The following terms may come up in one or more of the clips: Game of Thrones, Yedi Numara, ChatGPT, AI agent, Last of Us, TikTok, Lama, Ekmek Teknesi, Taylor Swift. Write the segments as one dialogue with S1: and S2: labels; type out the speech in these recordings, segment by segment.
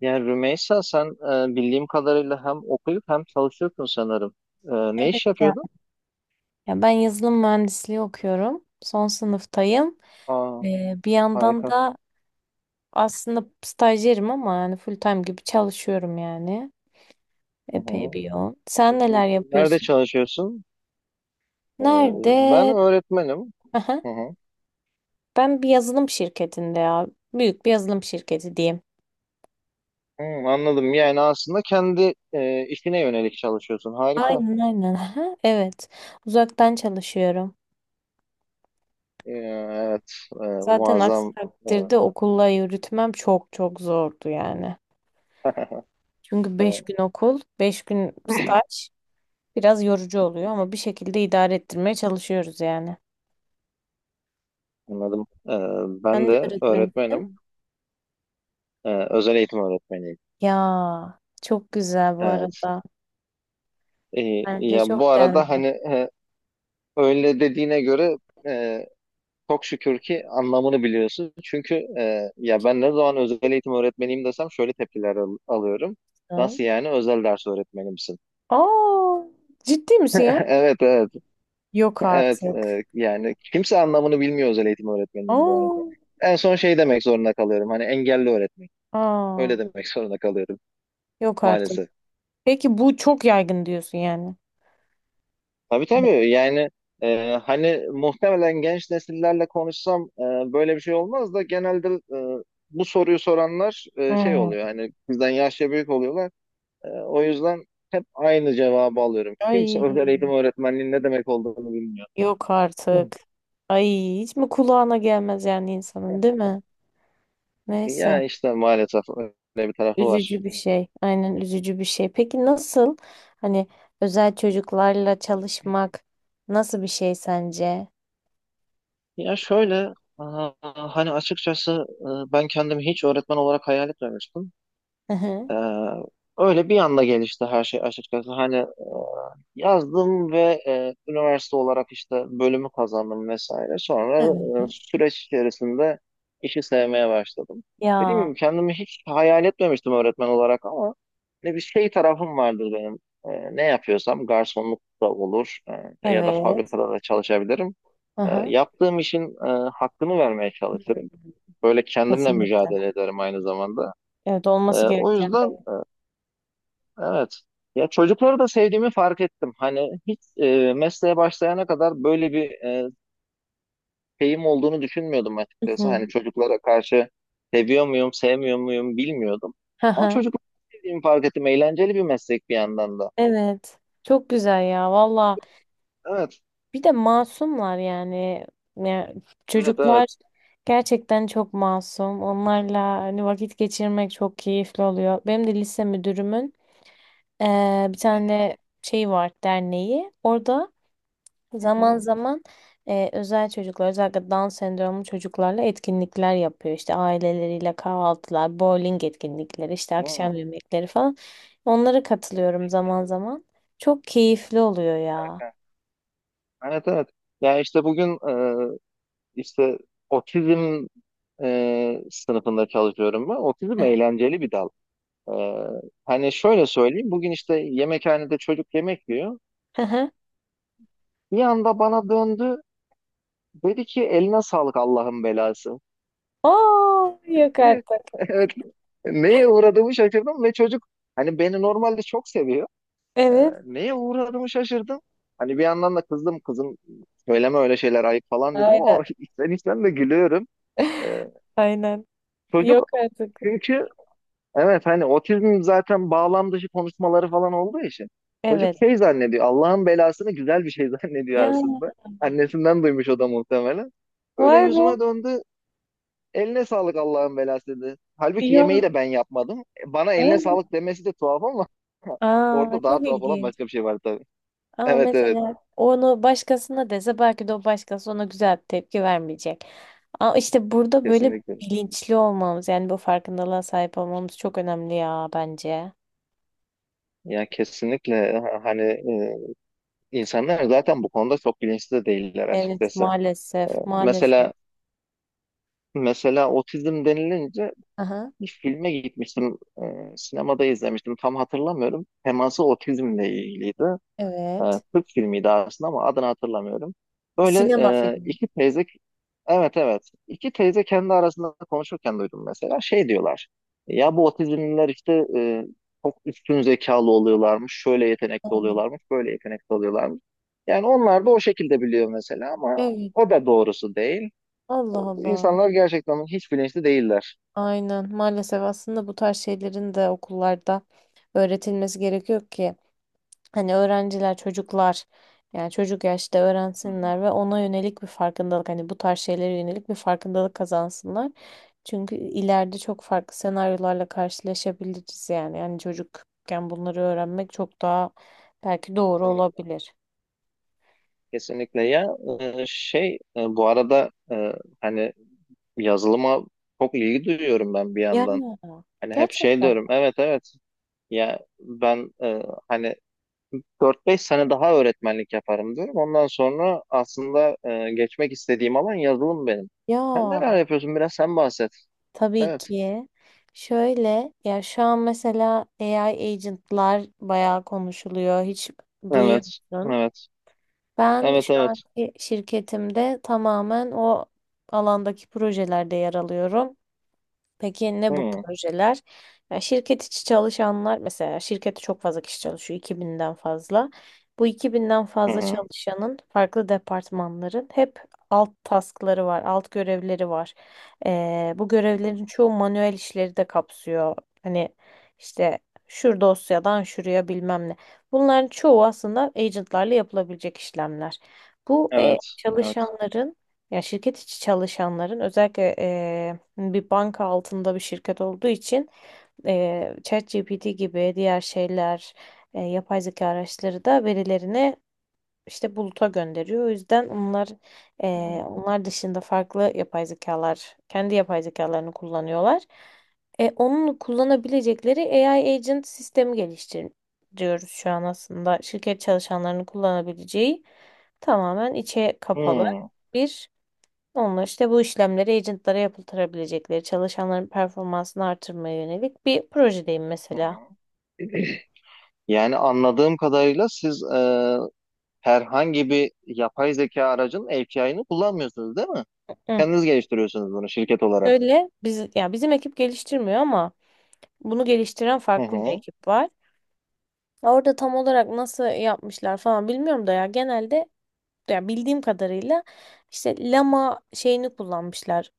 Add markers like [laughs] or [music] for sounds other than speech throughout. S1: Yani Rümeysa sen bildiğim kadarıyla hem okuyup hem çalışıyorsun sanırım. E, Ne
S2: Evet
S1: iş
S2: ya.
S1: yapıyordun?
S2: Ya ben yazılım mühendisliği okuyorum. Son sınıftayım.
S1: Aa,
S2: Bir yandan
S1: harika.
S2: da aslında stajyerim ama yani full time gibi çalışıyorum yani.
S1: Hı
S2: Epey
S1: hı.
S2: bir yoğun. Sen neler
S1: Nerede
S2: yapıyorsun?
S1: çalışıyorsun? E,
S2: Nerede?
S1: Ben öğretmenim.
S2: Aha.
S1: Hı hı.
S2: Ben bir yazılım şirketinde ya. Büyük bir yazılım şirketi diyeyim.
S1: Hı, anladım. Yani aslında kendi işine yönelik çalışıyorsun. Harika.
S2: Aynen aynen. Aha, evet. Uzaktan çalışıyorum.
S1: Evet,
S2: Zaten aksi
S1: muazzam. E,
S2: takdirde okulla yürütmem çok çok zordu yani. Çünkü 5
S1: e,
S2: gün okul, 5 gün staj. Biraz yorucu oluyor ama bir şekilde idare ettirmeye çalışıyoruz yani.
S1: Anladım. Ben
S2: Sen de
S1: de
S2: öğretmenisin.
S1: öğretmenim. Özel eğitim öğretmeniyim.
S2: Ya çok güzel bu
S1: Evet.
S2: arada.
S1: E,
S2: Bence
S1: Ya
S2: çok
S1: bu
S2: değerli.
S1: arada hani öyle dediğine göre e, çok şükür ki anlamını biliyorsun. Çünkü ya ben ne zaman özel eğitim öğretmeniyim desem şöyle tepkiler alıyorum. Nasıl yani özel ders öğretmeni misin?
S2: Aa, ciddi misin ya?
S1: [laughs] Evet, evet,
S2: Yok
S1: evet,
S2: artık.
S1: yani kimse anlamını bilmiyor özel eğitim öğretmeninin bu
S2: Aa,
S1: arada. En son şey demek zorunda kalıyorum hani engelli öğretmen.
S2: aa,
S1: Öyle demek [laughs] zorunda kalıyorum
S2: yok artık.
S1: maalesef.
S2: Peki bu çok yaygın diyorsun yani.
S1: Tabii,
S2: Hani.
S1: tabii, yani hani muhtemelen genç nesillerle konuşsam böyle bir şey olmaz da genelde e, bu soruyu soranlar şey
S2: Hmm.
S1: oluyor hani bizden yaşça büyük oluyorlar. O yüzden hep aynı cevabı alıyorum.
S2: Ay,
S1: Kimse özel eğitim öğretmenliğinin ne demek olduğunu bilmiyor.
S2: yok
S1: [clears throat] Hı.
S2: artık. Ay, hiç mi kulağına gelmez yani insanın, değil mi? Neyse.
S1: Ya işte maalesef öyle bir tarafı var.
S2: Üzücü bir şey. Aynen, üzücü bir şey. Peki nasıl, hani özel çocuklarla çalışmak nasıl bir şey sence?
S1: Ya şöyle, aa, hani açıkçası ben kendimi hiç öğretmen olarak hayal etmemiştim.
S2: Hı hı.
S1: Ee, Öyle bir anda gelişti her şey açıkçası. Hani yazdım ve üniversite olarak işte bölümü kazandım vesaire. Sonra
S2: Evet.
S1: süreç içerisinde işi sevmeye başladım. Dediğim
S2: Ya
S1: gibi kendimi hiç hayal etmemiştim öğretmen olarak ama ne bir şey tarafım vardır benim. Ne yapıyorsam garsonluk da olur, ya da
S2: evet.
S1: fabrikada da çalışabilirim.
S2: Hı hı.
S1: Yaptığım işin hakkını vermeye
S2: Hı,
S1: çalışırım.
S2: hı.
S1: Böyle kendimle
S2: Kesinlikle.
S1: mücadele ederim aynı zamanda.
S2: Evet, olması gereken.
S1: O yüzden. Evet. Ya çocukları da sevdiğimi fark ettim. Hani hiç mesleğe başlayana kadar böyle bir şeyim olduğunu düşünmüyordum
S2: Evet. Hı
S1: açıkçası.
S2: hı.
S1: Hani çocuklara karşı seviyor muyum, sevmiyor muyum bilmiyordum.
S2: Hı
S1: Ama
S2: hı.
S1: çocukları sevdiğimi fark ettim. Eğlenceli bir meslek bir yandan da.
S2: Evet. Çok güzel ya valla.
S1: Evet,
S2: Bir de masumlar yani. Ya,
S1: evet,
S2: çocuklar
S1: evet.
S2: gerçekten çok masum. Onlarla hani vakit geçirmek çok keyifli oluyor. Benim de lise müdürümün bir tane şey var, derneği. Orada
S1: Hı
S2: zaman
S1: hı.
S2: zaman özel çocuklar, özellikle Down sendromlu çocuklarla etkinlikler yapıyor. İşte aileleriyle kahvaltılar, bowling etkinlikleri, işte
S1: Hı hı. Aa,
S2: akşam yemekleri falan. Onlara katılıyorum
S1: ne güzel.
S2: zaman zaman. Çok keyifli oluyor ya.
S1: Harika. Evet, evet. Ya işte bugün işte otizm sınıfında çalışıyorum ben. Otizm eğlenceli bir dal. Ee, Hani şöyle söyleyeyim. Bugün işte yemekhanede çocuk yemek yiyor. Bir anda bana döndü. Dedi ki eline sağlık Allah'ın belası
S2: Aa, yok
S1: diye.
S2: artık.
S1: [laughs] Evet. Neye uğradığımı şaşırdım ve çocuk hani beni normalde çok seviyor. Ee,
S2: Evet.
S1: Neye uğradığımı şaşırdım. Hani bir yandan da kızdım, kızım söyleme öyle şeyler ayıp falan dedim
S2: Aynen.
S1: ama [laughs] içten içten de gülüyorum. Ee,
S2: [laughs] Aynen. Yok
S1: Çocuk
S2: artık.
S1: çünkü evet, hani otizm zaten bağlam dışı konuşmaları falan olduğu için çocuk
S2: Evet.
S1: şey zannediyor, Allah'ın belasını güzel bir şey [laughs] zannediyor
S2: Ya,
S1: aslında. Annesinden duymuş o da muhtemelen. Böyle
S2: vay be.
S1: yüzüme döndü, eline sağlık Allah'ın belası dedi. Halbuki yemeği
S2: Ya.
S1: de ben yapmadım. Bana eline
S2: Aynen.
S1: sağlık demesi de tuhaf ama [laughs]
S2: Aa,
S1: orada daha
S2: çok
S1: tuhaf olan
S2: ilginç.
S1: başka bir şey var tabii.
S2: Ama
S1: Evet, evet,
S2: mesela onu başkasına dese, belki de o başkası ona güzel bir tepki vermeyecek. Ama işte burada böyle
S1: kesinlikle.
S2: bilinçli olmamız, yani bu farkındalığa sahip olmamız çok önemli ya, bence.
S1: Ya kesinlikle hani insanlar zaten bu konuda çok bilinçli de değiller
S2: Evet,
S1: açıkçası.
S2: maalesef, maalesef.
S1: Mesela mesela otizm denilince
S2: Aha,
S1: bir filme gitmiştim. Sinemada izlemiştim. Tam hatırlamıyorum. Teması otizmle ilgiliydi. E,
S2: evet.
S1: Türk filmiydi aslında ama adını hatırlamıyorum. Böyle
S2: Sinema filmi.
S1: iki teyze, evet, evet. İki teyze kendi arasında konuşurken duydum mesela. Şey diyorlar. Ya bu otizmliler işte çok üstün zekalı oluyorlarmış. Şöyle yetenekli
S2: Aynen.
S1: oluyorlarmış. Böyle yetenekli oluyorlarmış. Yani onlar da o şekilde biliyor mesela ama
S2: Evet.
S1: o da doğrusu değil.
S2: Allah Allah.
S1: İnsanlar gerçekten hiç bilinçli değiller.
S2: Aynen, maalesef aslında bu tarz şeylerin de okullarda öğretilmesi gerekiyor ki. Hani öğrenciler, çocuklar, yani çocuk yaşta
S1: Hı
S2: öğrensinler ve ona yönelik bir farkındalık, hani bu tarz şeylere yönelik bir farkındalık kazansınlar. Çünkü ileride çok farklı senaryolarla karşılaşabiliriz yani. Yani çocukken bunları öğrenmek çok daha belki doğru
S1: hı.
S2: olabilir.
S1: Kesinlikle ya, şey bu arada hani yazılıma çok ilgi duyuyorum ben bir
S2: Ya,
S1: yandan. Hani hep şey
S2: gerçekten.
S1: diyorum, evet, evet, ya ben hani 4-5 sene daha öğretmenlik yaparım diyorum. Ondan sonra aslında geçmek istediğim alan yazılım benim. Sen neler
S2: Ya
S1: yapıyorsun biraz sen bahset.
S2: tabii
S1: Evet,
S2: ki. Şöyle, ya şu an mesela AI agentlar bayağı konuşuluyor. Hiç duyuyor
S1: evet,
S2: musun?
S1: evet,
S2: Ben
S1: evet,
S2: şu
S1: evet.
S2: anki şirketimde tamamen o alandaki projelerde yer alıyorum. Peki ne bu
S1: Hı
S2: projeler? Ya, şirket içi çalışanlar, mesela şirkette çok fazla kişi çalışıyor, 2000'den fazla. Bu 2000'den
S1: hı
S2: fazla
S1: hı.
S2: çalışanın farklı departmanların hep alt taskları var, alt görevleri var. Bu görevlerin çoğu manuel işleri de kapsıyor. Hani işte şu dosyadan şuraya bilmem ne. Bunların çoğu aslında agentlarla yapılabilecek işlemler. Bu
S1: Evet, evet.
S2: çalışanların, ya şirket içi çalışanların, özellikle hani bir banka altında bir şirket olduğu için ChatGPT gibi diğer şeyler, yapay zeka araçları da verilerini işte buluta gönderiyor. O yüzden
S1: Hı hı.
S2: onlar dışında farklı yapay zekalar, kendi yapay zekalarını kullanıyorlar. Onun kullanabilecekleri AI agent sistemi geliştiriyoruz şu an aslında. Şirket çalışanlarının kullanabileceği, tamamen içe
S1: Hı
S2: kapalı bir, onlar işte bu işlemleri agentlara yapıltırabilecekleri, çalışanların performansını artırmaya yönelik bir projedeyim
S1: hı.
S2: mesela.
S1: Yani anladığım kadarıyla siz herhangi bir yapay zeka aracın API'ını kullanmıyorsunuz değil mi?
S2: Hı.
S1: Kendiniz geliştiriyorsunuz bunu şirket olarak.
S2: Şöyle, ya bizim ekip geliştirmiyor ama bunu geliştiren
S1: Hı
S2: farklı bir
S1: hı.
S2: ekip var. Orada tam olarak nasıl yapmışlar falan bilmiyorum da, ya genelde, ya bildiğim kadarıyla işte Lama şeyini kullanmışlar.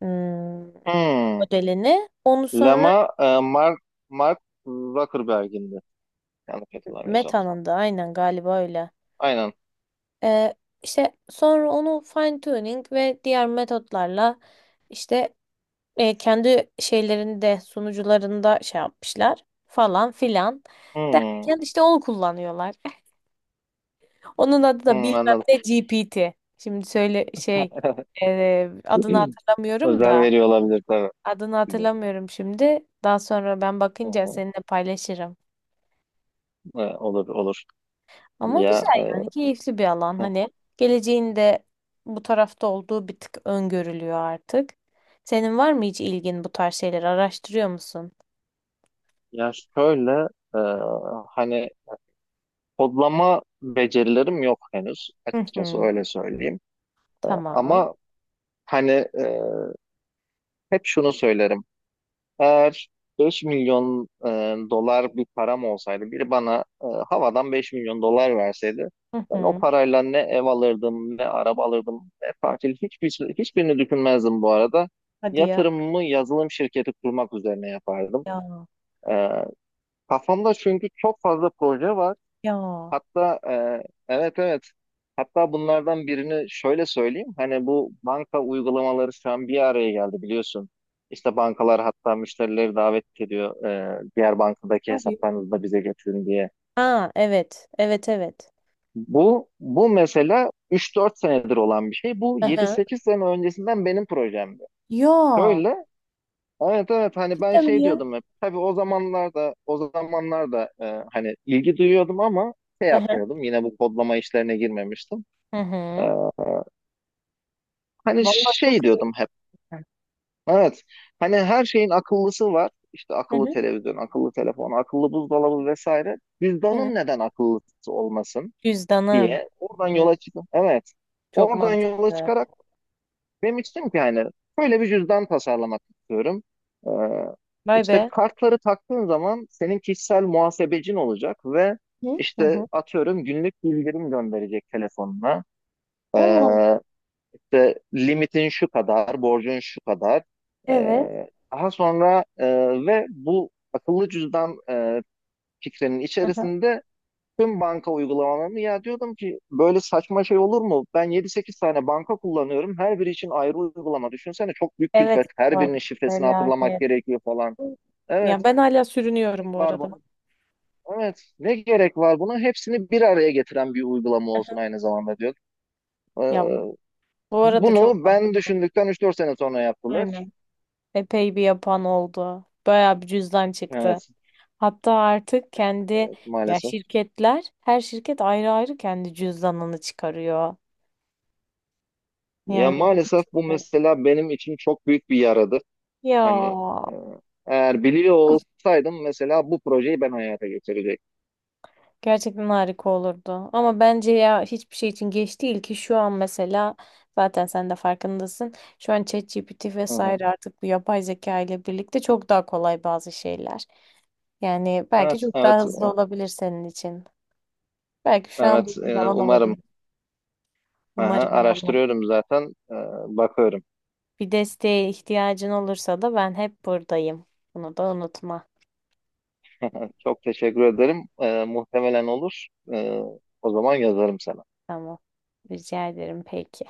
S2: hmm,
S1: Hmm.
S2: Modelini. Onu sonra
S1: Lama Mark Zuckerberg'indi. Yanlış hatırlamıyorsam.
S2: Meta'nın da aynen galiba öyle.
S1: Aynen.
S2: Ee, işte sonra onu fine tuning ve diğer metotlarla işte kendi şeylerinde, sunucularında şey yapmışlar falan filan
S1: Hmm.
S2: derken, işte onu kullanıyorlar. [laughs] Onun adı da
S1: Hmm,
S2: bilmem
S1: anladım.
S2: ne GPT. Şimdi söyle, şey
S1: [laughs]
S2: adını hatırlamıyorum
S1: Özel
S2: da,
S1: veriyor olabilir tabii.
S2: adını
S1: Bilmiyorum.
S2: hatırlamıyorum şimdi. Daha sonra ben
S1: Hı
S2: bakınca
S1: hı.
S2: seninle paylaşırım.
S1: Olur, olur.
S2: Ama
S1: Ya,
S2: güzel yani, keyifli bir alan,
S1: hı.
S2: hani geleceğinde bu tarafta olduğu bir tık öngörülüyor artık. Senin var mı hiç ilgin, bu tarz şeyleri araştırıyor musun?
S1: Ya şöyle e, hani kodlama becerilerim yok henüz
S2: Hı
S1: açıkçası
S2: hı.
S1: öyle söyleyeyim.
S2: Tamam.
S1: Ama hani, e, hep şunu söylerim. Eğer 5 milyon dolar bir param olsaydı, biri bana havadan 5 milyon dolar verseydi,
S2: Hı
S1: ben o
S2: hı.
S1: parayla ne ev alırdım, ne araba alırdım, ne tatil, hiçbir, şey, hiçbirini düşünmezdim bu arada.
S2: Hadi ya.
S1: Yatırımımı yazılım şirketi kurmak üzerine yapardım.
S2: Ya.
S1: E, Kafamda çünkü çok fazla proje var.
S2: Ya.
S1: Hatta evet, evet. Hatta bunlardan birini şöyle söyleyeyim. Hani bu banka uygulamaları şu an bir araya geldi biliyorsun. İşte bankalar hatta müşterileri davet ediyor, diğer bankadaki
S2: Hadi.
S1: hesaplarınızı da bize getirin diye.
S2: Ha, evet. Evet, evet.
S1: Bu mesela 3-4 senedir olan bir şey. Bu
S2: Hı hı.
S1: 7-8 sene öncesinden benim projemdi.
S2: Ya.
S1: Şöyle, evet, evet, hani ben
S2: Cidden mi
S1: şey
S2: ya?
S1: diyordum hep. Tabii o zamanlarda o zamanlarda hani ilgi duyuyordum ama şey
S2: Hı hı.
S1: yapmıyordum. Yine bu kodlama işlerine girmemiştim.
S2: Hı
S1: E,
S2: hı.
S1: Hani
S2: Vallahi çok
S1: şey
S2: iyi.
S1: diyordum hep. Evet. Hani her şeyin akıllısı var. İşte
S2: Hı
S1: akıllı
S2: hı.
S1: televizyon, akıllı telefon, akıllı buzdolabı vesaire.
S2: Evet.
S1: Cüzdanın neden akıllısı olmasın
S2: Cüzdanın.
S1: diye oradan
S2: Hı.
S1: yola çıkıp evet.
S2: Çok
S1: Oradan yola
S2: mantıklı.
S1: çıkarak demiştim ki hani böyle bir cüzdan tasarlamak istiyorum. Ee,
S2: Vay
S1: işte
S2: be.
S1: kartları taktığın zaman senin kişisel muhasebecin olacak ve
S2: Hı hı.
S1: işte
S2: Hı.
S1: atıyorum günlük bildirim gönderecek telefonuna.
S2: Allah.
S1: Ee, işte limitin şu kadar, borcun şu kadar.
S2: Evet.
S1: Ee, Daha sonra ve bu akıllı cüzdan fikrinin içerisinde tüm banka uygulamalarını, ya diyordum ki, böyle saçma şey olur mu? Ben 7-8 tane banka kullanıyorum. Her biri için ayrı uygulama. Düşünsene çok büyük
S2: Evet,
S1: külfet. Her
S2: var.
S1: birinin şifresini hatırlamak
S2: Felaket.
S1: gerekiyor falan. Evet,
S2: Ya ben hala
S1: gerek
S2: sürünüyorum bu
S1: var buna.
S2: arada.
S1: Evet, ne gerek var buna? Hepsini bir araya getiren bir uygulama olsun aynı zamanda diyor.
S2: Ya
S1: Ee,
S2: bu arada çok
S1: Bunu ben
S2: mantıklı.
S1: düşündükten 3-4 sene sonra yaptılar.
S2: Aynen. Epey bir yapan oldu. Bayağı bir cüzdan çıktı.
S1: Evet.
S2: Hatta artık
S1: Evet,
S2: ya
S1: maalesef.
S2: şirketler, her şirket ayrı ayrı kendi cüzdanını çıkarıyor.
S1: Ya
S2: Yani
S1: maalesef bu
S2: evet.
S1: mesela benim için çok büyük bir yaradır.
S2: Ya
S1: Hani e, eğer biliyor olsaydım mesela bu projeyi ben hayata geçirecektim.
S2: gerçekten harika olurdu. Ama bence ya, hiçbir şey için geç değil ki. Şu an mesela zaten sen de farkındasın. Şu an ChatGPT
S1: Hı hı.
S2: vesaire, artık bu yapay zeka ile birlikte çok daha kolay bazı şeyler. Yani belki
S1: Evet,
S2: çok
S1: evet,
S2: daha hızlı olabilir senin için. Belki şu an
S1: evet.
S2: bir zaman
S1: Umarım.
S2: olabilir.
S1: Aha,
S2: Umarım valla.
S1: araştırıyorum zaten. E, Bakıyorum.
S2: Bir desteğe ihtiyacın olursa da ben hep buradayım. Bunu da unutma.
S1: [laughs] Çok teşekkür ederim. Muhtemelen olur. E, O zaman yazarım sana.
S2: Tamam. Rica ederim, peki.